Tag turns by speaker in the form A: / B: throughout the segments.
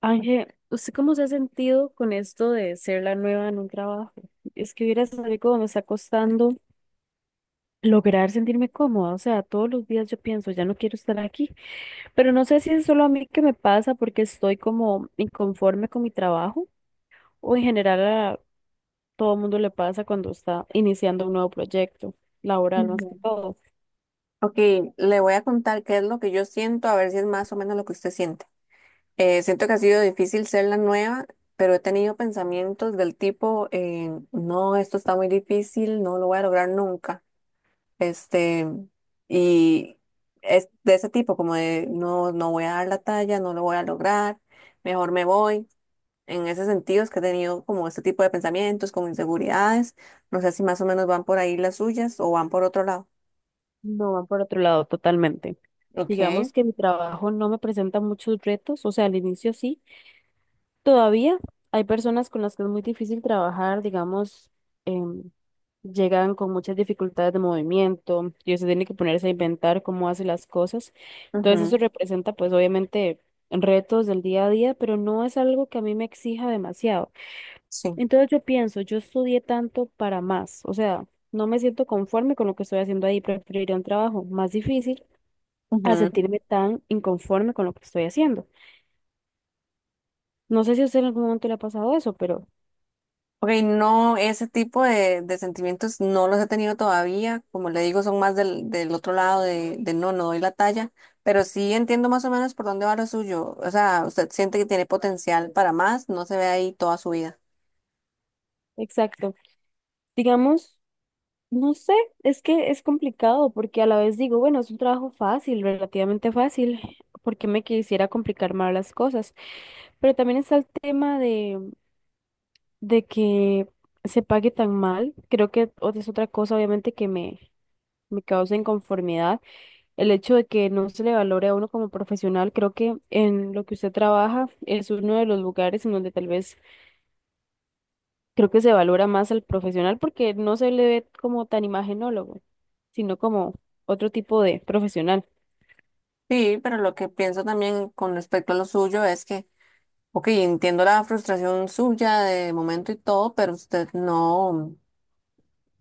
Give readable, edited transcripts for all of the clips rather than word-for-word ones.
A: Ángel, ¿usted cómo se ha sentido con esto de ser la nueva en un trabajo? Es que hubiera sabido cómo me está costando lograr sentirme cómoda. O sea, todos los días yo pienso, ya no quiero estar aquí. Pero no sé si es solo a mí que me pasa porque estoy como inconforme con mi trabajo, o en general a todo el mundo le pasa cuando está iniciando un nuevo proyecto laboral más que
B: Ujú.
A: todo.
B: Ok, le voy a contar qué es lo que yo siento, a ver si es más o menos lo que usted siente. Siento que ha sido difícil ser la nueva, pero he tenido pensamientos del tipo, no, esto está muy difícil, no lo voy a lograr nunca. Este, y es de ese tipo, como de, no, voy a dar la talla, no lo voy a lograr, mejor me voy. En ese sentido es que he tenido como este tipo de pensamientos, como inseguridades. No sé si más o menos van por ahí las suyas o van por otro lado.
A: No, van por otro lado totalmente.
B: Ok.
A: Digamos que mi trabajo no me presenta muchos retos, o sea, al inicio sí. Todavía hay personas con las que es muy difícil trabajar, digamos, em, llegan con muchas dificultades de movimiento, y se tienen que ponerse a inventar cómo hace las cosas. Entonces eso representa pues obviamente retos del día a día, pero no es algo que a mí me exija demasiado.
B: Sí.
A: Entonces yo pienso, yo estudié tanto para más, o sea, no me siento conforme con lo que estoy haciendo ahí, preferiría un trabajo más difícil a
B: Ujú.
A: sentirme tan inconforme con lo que estoy haciendo. No sé si a usted en algún momento le ha pasado eso, pero...
B: Ok, no, ese tipo de sentimientos no los he tenido todavía. Como le digo, son más del otro lado de no, doy la talla. Pero sí entiendo más o menos por dónde va lo suyo. O sea, usted siente que tiene potencial para más, no se ve ahí toda su vida.
A: Exacto. Digamos, no sé, es que es complicado porque a la vez digo, bueno, es un trabajo fácil, relativamente fácil, porque me quisiera complicar más las cosas, pero también está el tema de que se pague tan mal, creo que es otra cosa obviamente que me causa inconformidad, el hecho de que no se le valore a uno como profesional. Creo que en lo que usted trabaja es uno de los lugares en donde tal vez creo que se valora más al profesional porque no se le ve como tan imagenólogo, sino como otro tipo de profesional.
B: Sí, pero lo que pienso también con respecto a lo suyo es que, ok, entiendo la frustración suya de momento y todo, pero usted no.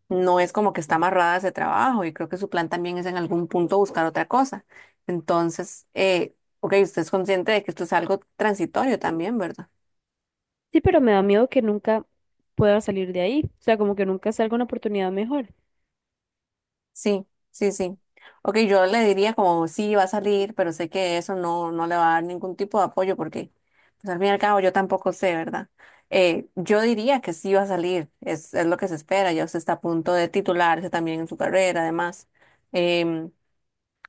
B: No es como que está amarrada a ese trabajo y creo que su plan también es en algún punto buscar otra cosa. Entonces, ok, usted es consciente de que esto es algo transitorio también, ¿verdad?
A: Sí, pero me da miedo que nunca pueda salir de ahí, o sea, como que nunca salga una oportunidad mejor.
B: Sí, sí, sí. Ok, yo le diría como sí, va a salir, pero sé que eso no, le va a dar ningún tipo de apoyo porque, pues al fin y al cabo, yo tampoco sé, ¿verdad? Yo diría que sí va a salir, es lo que se espera, ya usted está a punto de titularse también en su carrera, además. Em,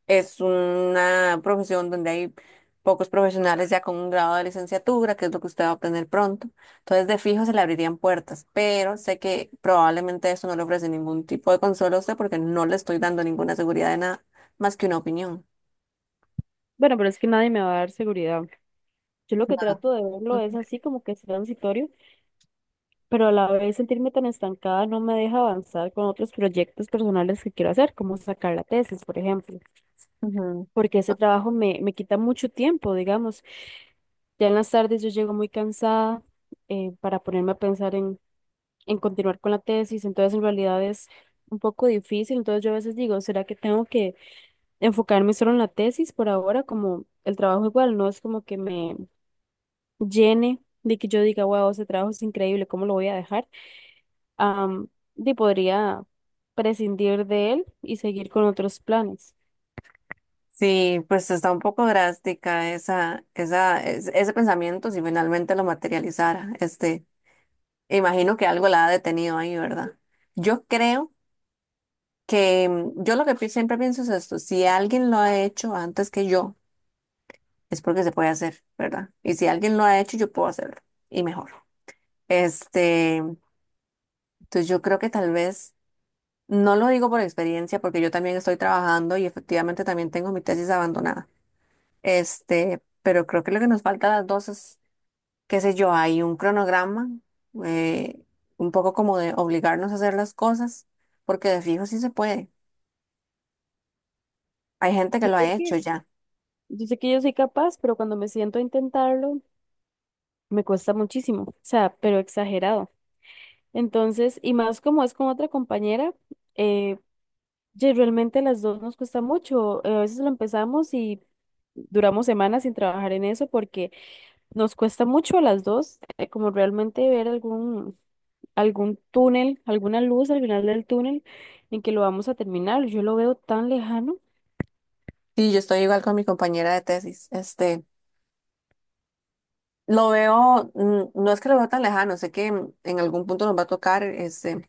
B: Es una profesión donde hay pocos profesionales ya con un grado de licenciatura, que es lo que usted va a obtener pronto. Entonces, de fijo se le abrirían puertas, pero sé que probablemente eso no le ofrece ningún tipo de consuelo a usted porque no le estoy dando ninguna seguridad de nada más que una opinión.
A: Bueno, pero es que nadie me va a dar seguridad. Yo lo que trato de verlo es
B: Ujú,
A: así como que es transitorio, pero a la vez sentirme tan estancada no me deja avanzar con otros proyectos personales que quiero hacer, como sacar la tesis, por ejemplo,
B: ujú.
A: porque ese trabajo me quita mucho tiempo, digamos. Ya en las tardes yo llego muy cansada para ponerme a pensar en continuar con la tesis. Entonces, en realidad es un poco difícil. Entonces yo a veces digo, ¿será que tengo que enfocarme solo en la tesis por ahora? Como el trabajo igual no es como que me llene, de que yo diga, wow, ese trabajo es increíble, ¿cómo lo voy a dejar? Am, y podría prescindir de él y seguir con otros planes.
B: Sí, pues está un poco drástica esa, ese pensamiento si finalmente lo materializara. Este, imagino que algo la ha detenido ahí, ¿verdad? Yo creo que yo lo que siempre pienso es esto, si alguien lo ha hecho antes que yo, es porque se puede hacer, ¿verdad? Y si alguien lo ha hecho, yo puedo hacerlo y mejor. Este, entonces yo creo que tal vez, no lo digo por experiencia, porque yo también estoy trabajando y efectivamente también tengo mi tesis abandonada. Este, pero creo que lo que nos falta a las dos es, qué sé yo, hay un cronograma, eh, un poco como de obligarnos a hacer las cosas, porque de fijo sí se puede. Hay gente que
A: Yo
B: lo
A: sé
B: ha hecho
A: que,
B: ya.
A: yo sé que yo soy capaz, pero cuando me siento a intentarlo, me cuesta muchísimo, o sea, pero exagerado. Entonces, y más como es con otra compañera, eh, realmente las dos nos cuesta mucho. A veces lo empezamos y duramos semanas sin trabajar en eso porque nos cuesta mucho a las dos, como realmente ver algún túnel, alguna luz al final del túnel en que lo vamos a terminar. Yo lo veo tan lejano.
B: Sí, yo estoy igual con mi compañera de tesis. Este, lo veo, no es que lo veo tan lejano, sé que en algún punto nos va a tocar este,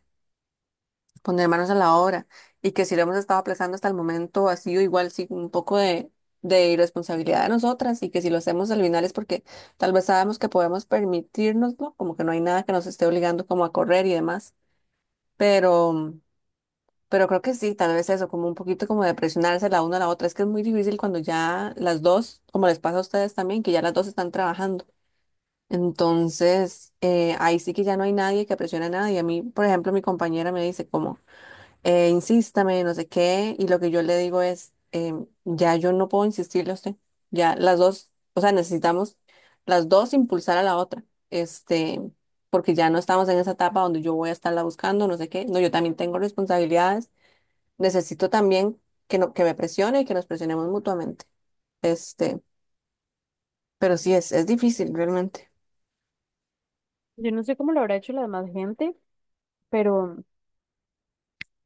B: poner manos a la obra y que si lo hemos estado aplazando hasta el momento ha sido igual sí un poco de, irresponsabilidad de nosotras y que si lo hacemos al final es porque tal vez sabemos que podemos permitirnoslo, como que no hay nada que nos esté obligando como a correr y demás, pero pero creo que sí, tal vez eso, como un poquito como de presionarse la una a la otra. Es que es muy difícil cuando ya las dos, como les pasa a ustedes también, que ya las dos están trabajando. Entonces, ahí sí que ya no hay nadie que presione a nadie. A mí, por ejemplo, mi compañera me dice como, insístame, no sé qué, y lo que yo le digo es, ya yo no puedo insistirle a usted. Ya las dos, o sea, necesitamos las dos impulsar a la otra. Este, porque ya no estamos en esa etapa donde yo voy a estarla buscando, no sé qué. No, yo también tengo responsabilidades, necesito también que, no, que me presione y que nos presionemos mutuamente. Este, pero sí es difícil realmente.
A: Yo no sé cómo lo habrá hecho la demás gente, pero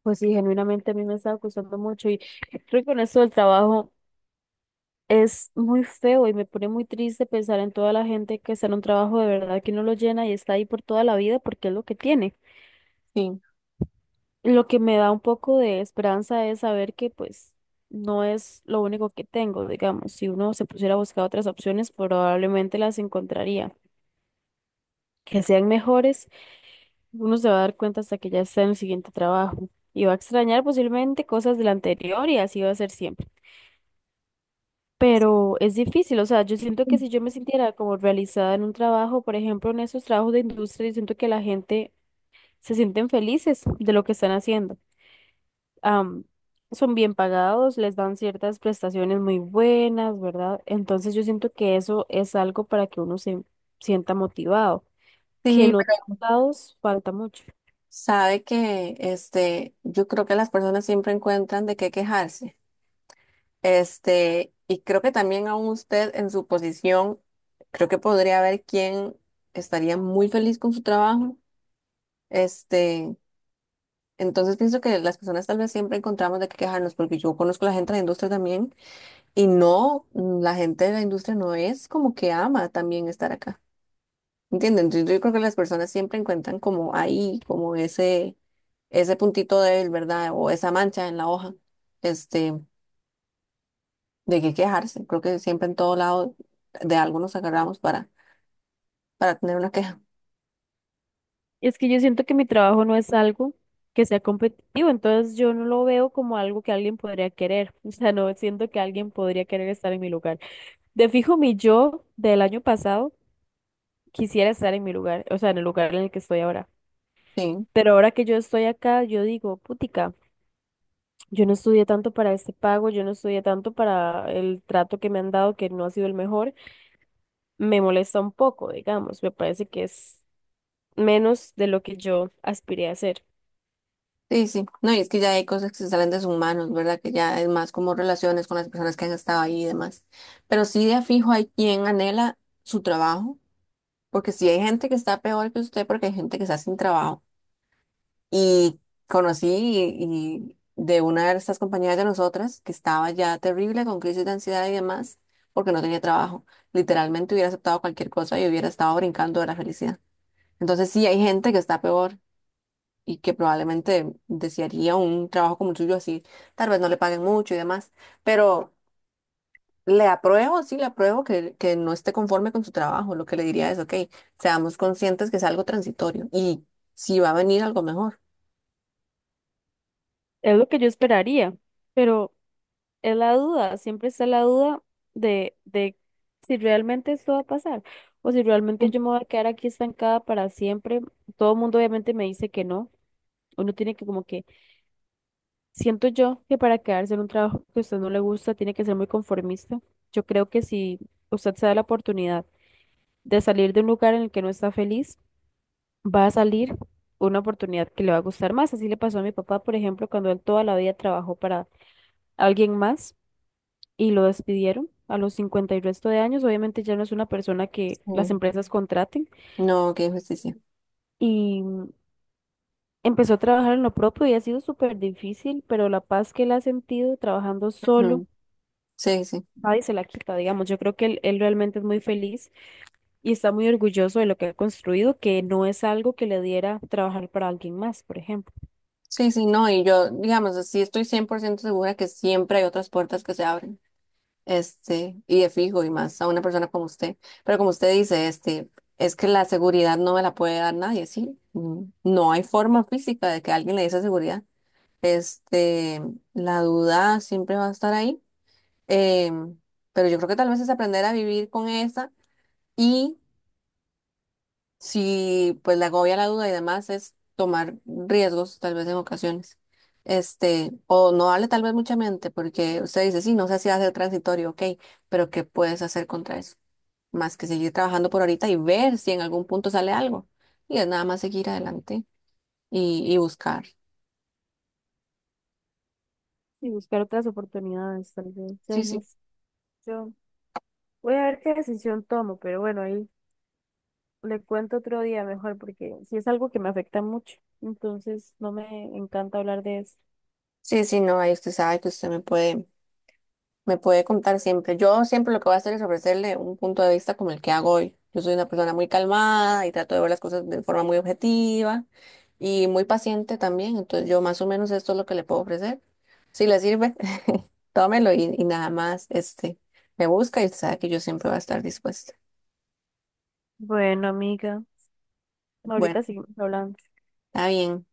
A: pues sí, genuinamente a mí me está costando mucho, y creo que con esto del trabajo. Es muy feo y me pone muy triste pensar en toda la gente que está en un trabajo de verdad que no lo llena y está ahí por toda la vida porque es lo que tiene.
B: Sí.
A: Lo que me da un poco de esperanza es saber que pues no es lo único que tengo, digamos. Si uno se pusiera a buscar otras opciones, probablemente las encontraría. Que sean mejores, uno se va a dar cuenta hasta que ya está en el siguiente trabajo y va a extrañar posiblemente cosas del anterior, y así va a ser siempre. Pero es difícil, o sea, yo siento que si yo me sintiera como realizada en un trabajo, por ejemplo, en esos trabajos de industria, yo siento que la gente se sienten felices de lo que están haciendo. Am, Son bien pagados, les dan ciertas prestaciones muy buenas, ¿verdad? Entonces yo siento que eso es algo para que uno se sienta motivado, que
B: Sí,
A: en otros
B: pero
A: lados falta mucho.
B: sabe que este, yo creo que las personas siempre encuentran de qué quejarse. Este, y creo que también aún usted en su posición, creo que podría ver quién estaría muy feliz con su trabajo. Este, entonces pienso que las personas tal vez siempre encontramos de qué quejarnos, porque yo conozco a la gente de la industria también. Y no, la gente de la industria no es como que ama también estar acá. ¿Entienden? Entonces, yo creo que las personas siempre encuentran como ahí, como ese puntito débil, ¿verdad? O esa mancha en la hoja, este, de qué quejarse. Creo que siempre en todo lado de algo nos agarramos para, tener una queja.
A: Es que yo siento que mi trabajo no es algo que sea competitivo, entonces yo no lo veo como algo que alguien podría querer. O sea, no siento que alguien podría querer estar en mi lugar. De fijo, mi yo del año pasado quisiera estar en mi lugar, o sea, en el lugar en el que estoy ahora.
B: Sí,
A: Pero ahora que yo estoy acá, yo digo, putica, yo no estudié tanto para este pago, yo no estudié tanto para el trato que me han dado, que no ha sido el mejor. Me molesta un poco, digamos, me parece que es menos de lo que yo aspiré a hacer.
B: sí, sí. No, y es que ya hay cosas que se salen de sus manos, ¿verdad? Que ya es más como relaciones con las personas que han estado ahí y demás. Pero sí de a fijo hay quien anhela su trabajo. Porque sí hay gente que está peor que usted, porque hay gente que está sin trabajo. Y conocí y, y de una de estas compañeras de nosotras que estaba ya terrible con crisis de ansiedad y demás, porque no tenía trabajo. Literalmente hubiera aceptado cualquier cosa y hubiera estado brincando de la felicidad. Entonces sí hay gente que está peor y que probablemente desearía un trabajo como el suyo así. Tal vez no le paguen mucho y demás, pero... Le apruebo, sí, le apruebo que, no esté conforme con su trabajo. Lo que le diría es, ok, seamos conscientes que es algo transitorio y si va a venir algo mejor.
A: Es lo que yo esperaría, pero es la duda, siempre está la duda de si realmente esto va a pasar o si
B: Sí.
A: realmente yo me voy a quedar aquí estancada para siempre. Todo el mundo obviamente me dice que no. Uno tiene que como que, siento yo que para quedarse en un trabajo que a usted no le gusta, tiene que ser muy conformista. Yo creo que si usted se da la oportunidad de salir de un lugar en el que no está feliz, va a salir una oportunidad que le va a gustar más. Así le pasó a mi papá, por ejemplo, cuando él toda la vida trabajó para alguien más y lo despidieron a los 50 y resto de años. Obviamente ya no es una persona que las empresas contraten,
B: No, qué injusticia.
A: y empezó a trabajar en lo propio y ha sido súper difícil, pero la paz que él ha sentido trabajando solo,
B: Ujú. Sí, sí.
A: nadie se la quita, digamos. Yo creo que él realmente es muy feliz y está muy orgulloso de lo que ha construido, que no es algo que le diera trabajar para alguien más, por ejemplo.
B: Sí, sí, no, y yo, digamos, así estoy 100% segura que siempre hay otras puertas que se abren, este, y de fijo, y más a una persona como usted. Pero como usted dice, este, es que la seguridad no me la puede dar nadie, sí. Mm, no hay forma física de que alguien le dé esa seguridad. Este, la duda siempre va a estar ahí, em, pero yo creo que tal vez es aprender a vivir con esa, y si pues la agobia la duda y demás es tomar riesgos tal vez en ocasiones. Este, o no darle tal vez mucha mente porque usted dice, sí, no sé si hace el transitorio, ok, pero ¿qué puedes hacer contra eso? Más que seguir trabajando por ahorita y ver si en algún punto sale algo. Y es nada más seguir adelante y buscar.
A: Y buscar otras oportunidades, tal vez. Ya
B: Sí,
A: hay
B: sí.
A: más. Yo voy a ver qué decisión tomo, pero bueno, ahí le cuento otro día mejor, porque sí es algo que me afecta mucho, entonces no me encanta hablar de eso.
B: Sí, sí, no, ahí usted sabe que usted me puede, me puede contar siempre. Yo siempre lo que voy a hacer es ofrecerle un punto de vista como el que hago hoy. Yo soy una persona muy calmada y trato de ver las cosas de forma muy objetiva y muy paciente también. Entonces yo más o menos esto es lo que le puedo ofrecer. Si le sirve, tómelo y, nada más, este, me busca y sabe que yo siempre voy a estar dispuesta.
A: Bueno, amiga,
B: Bueno,
A: ahorita seguimos hablando.
B: está bien.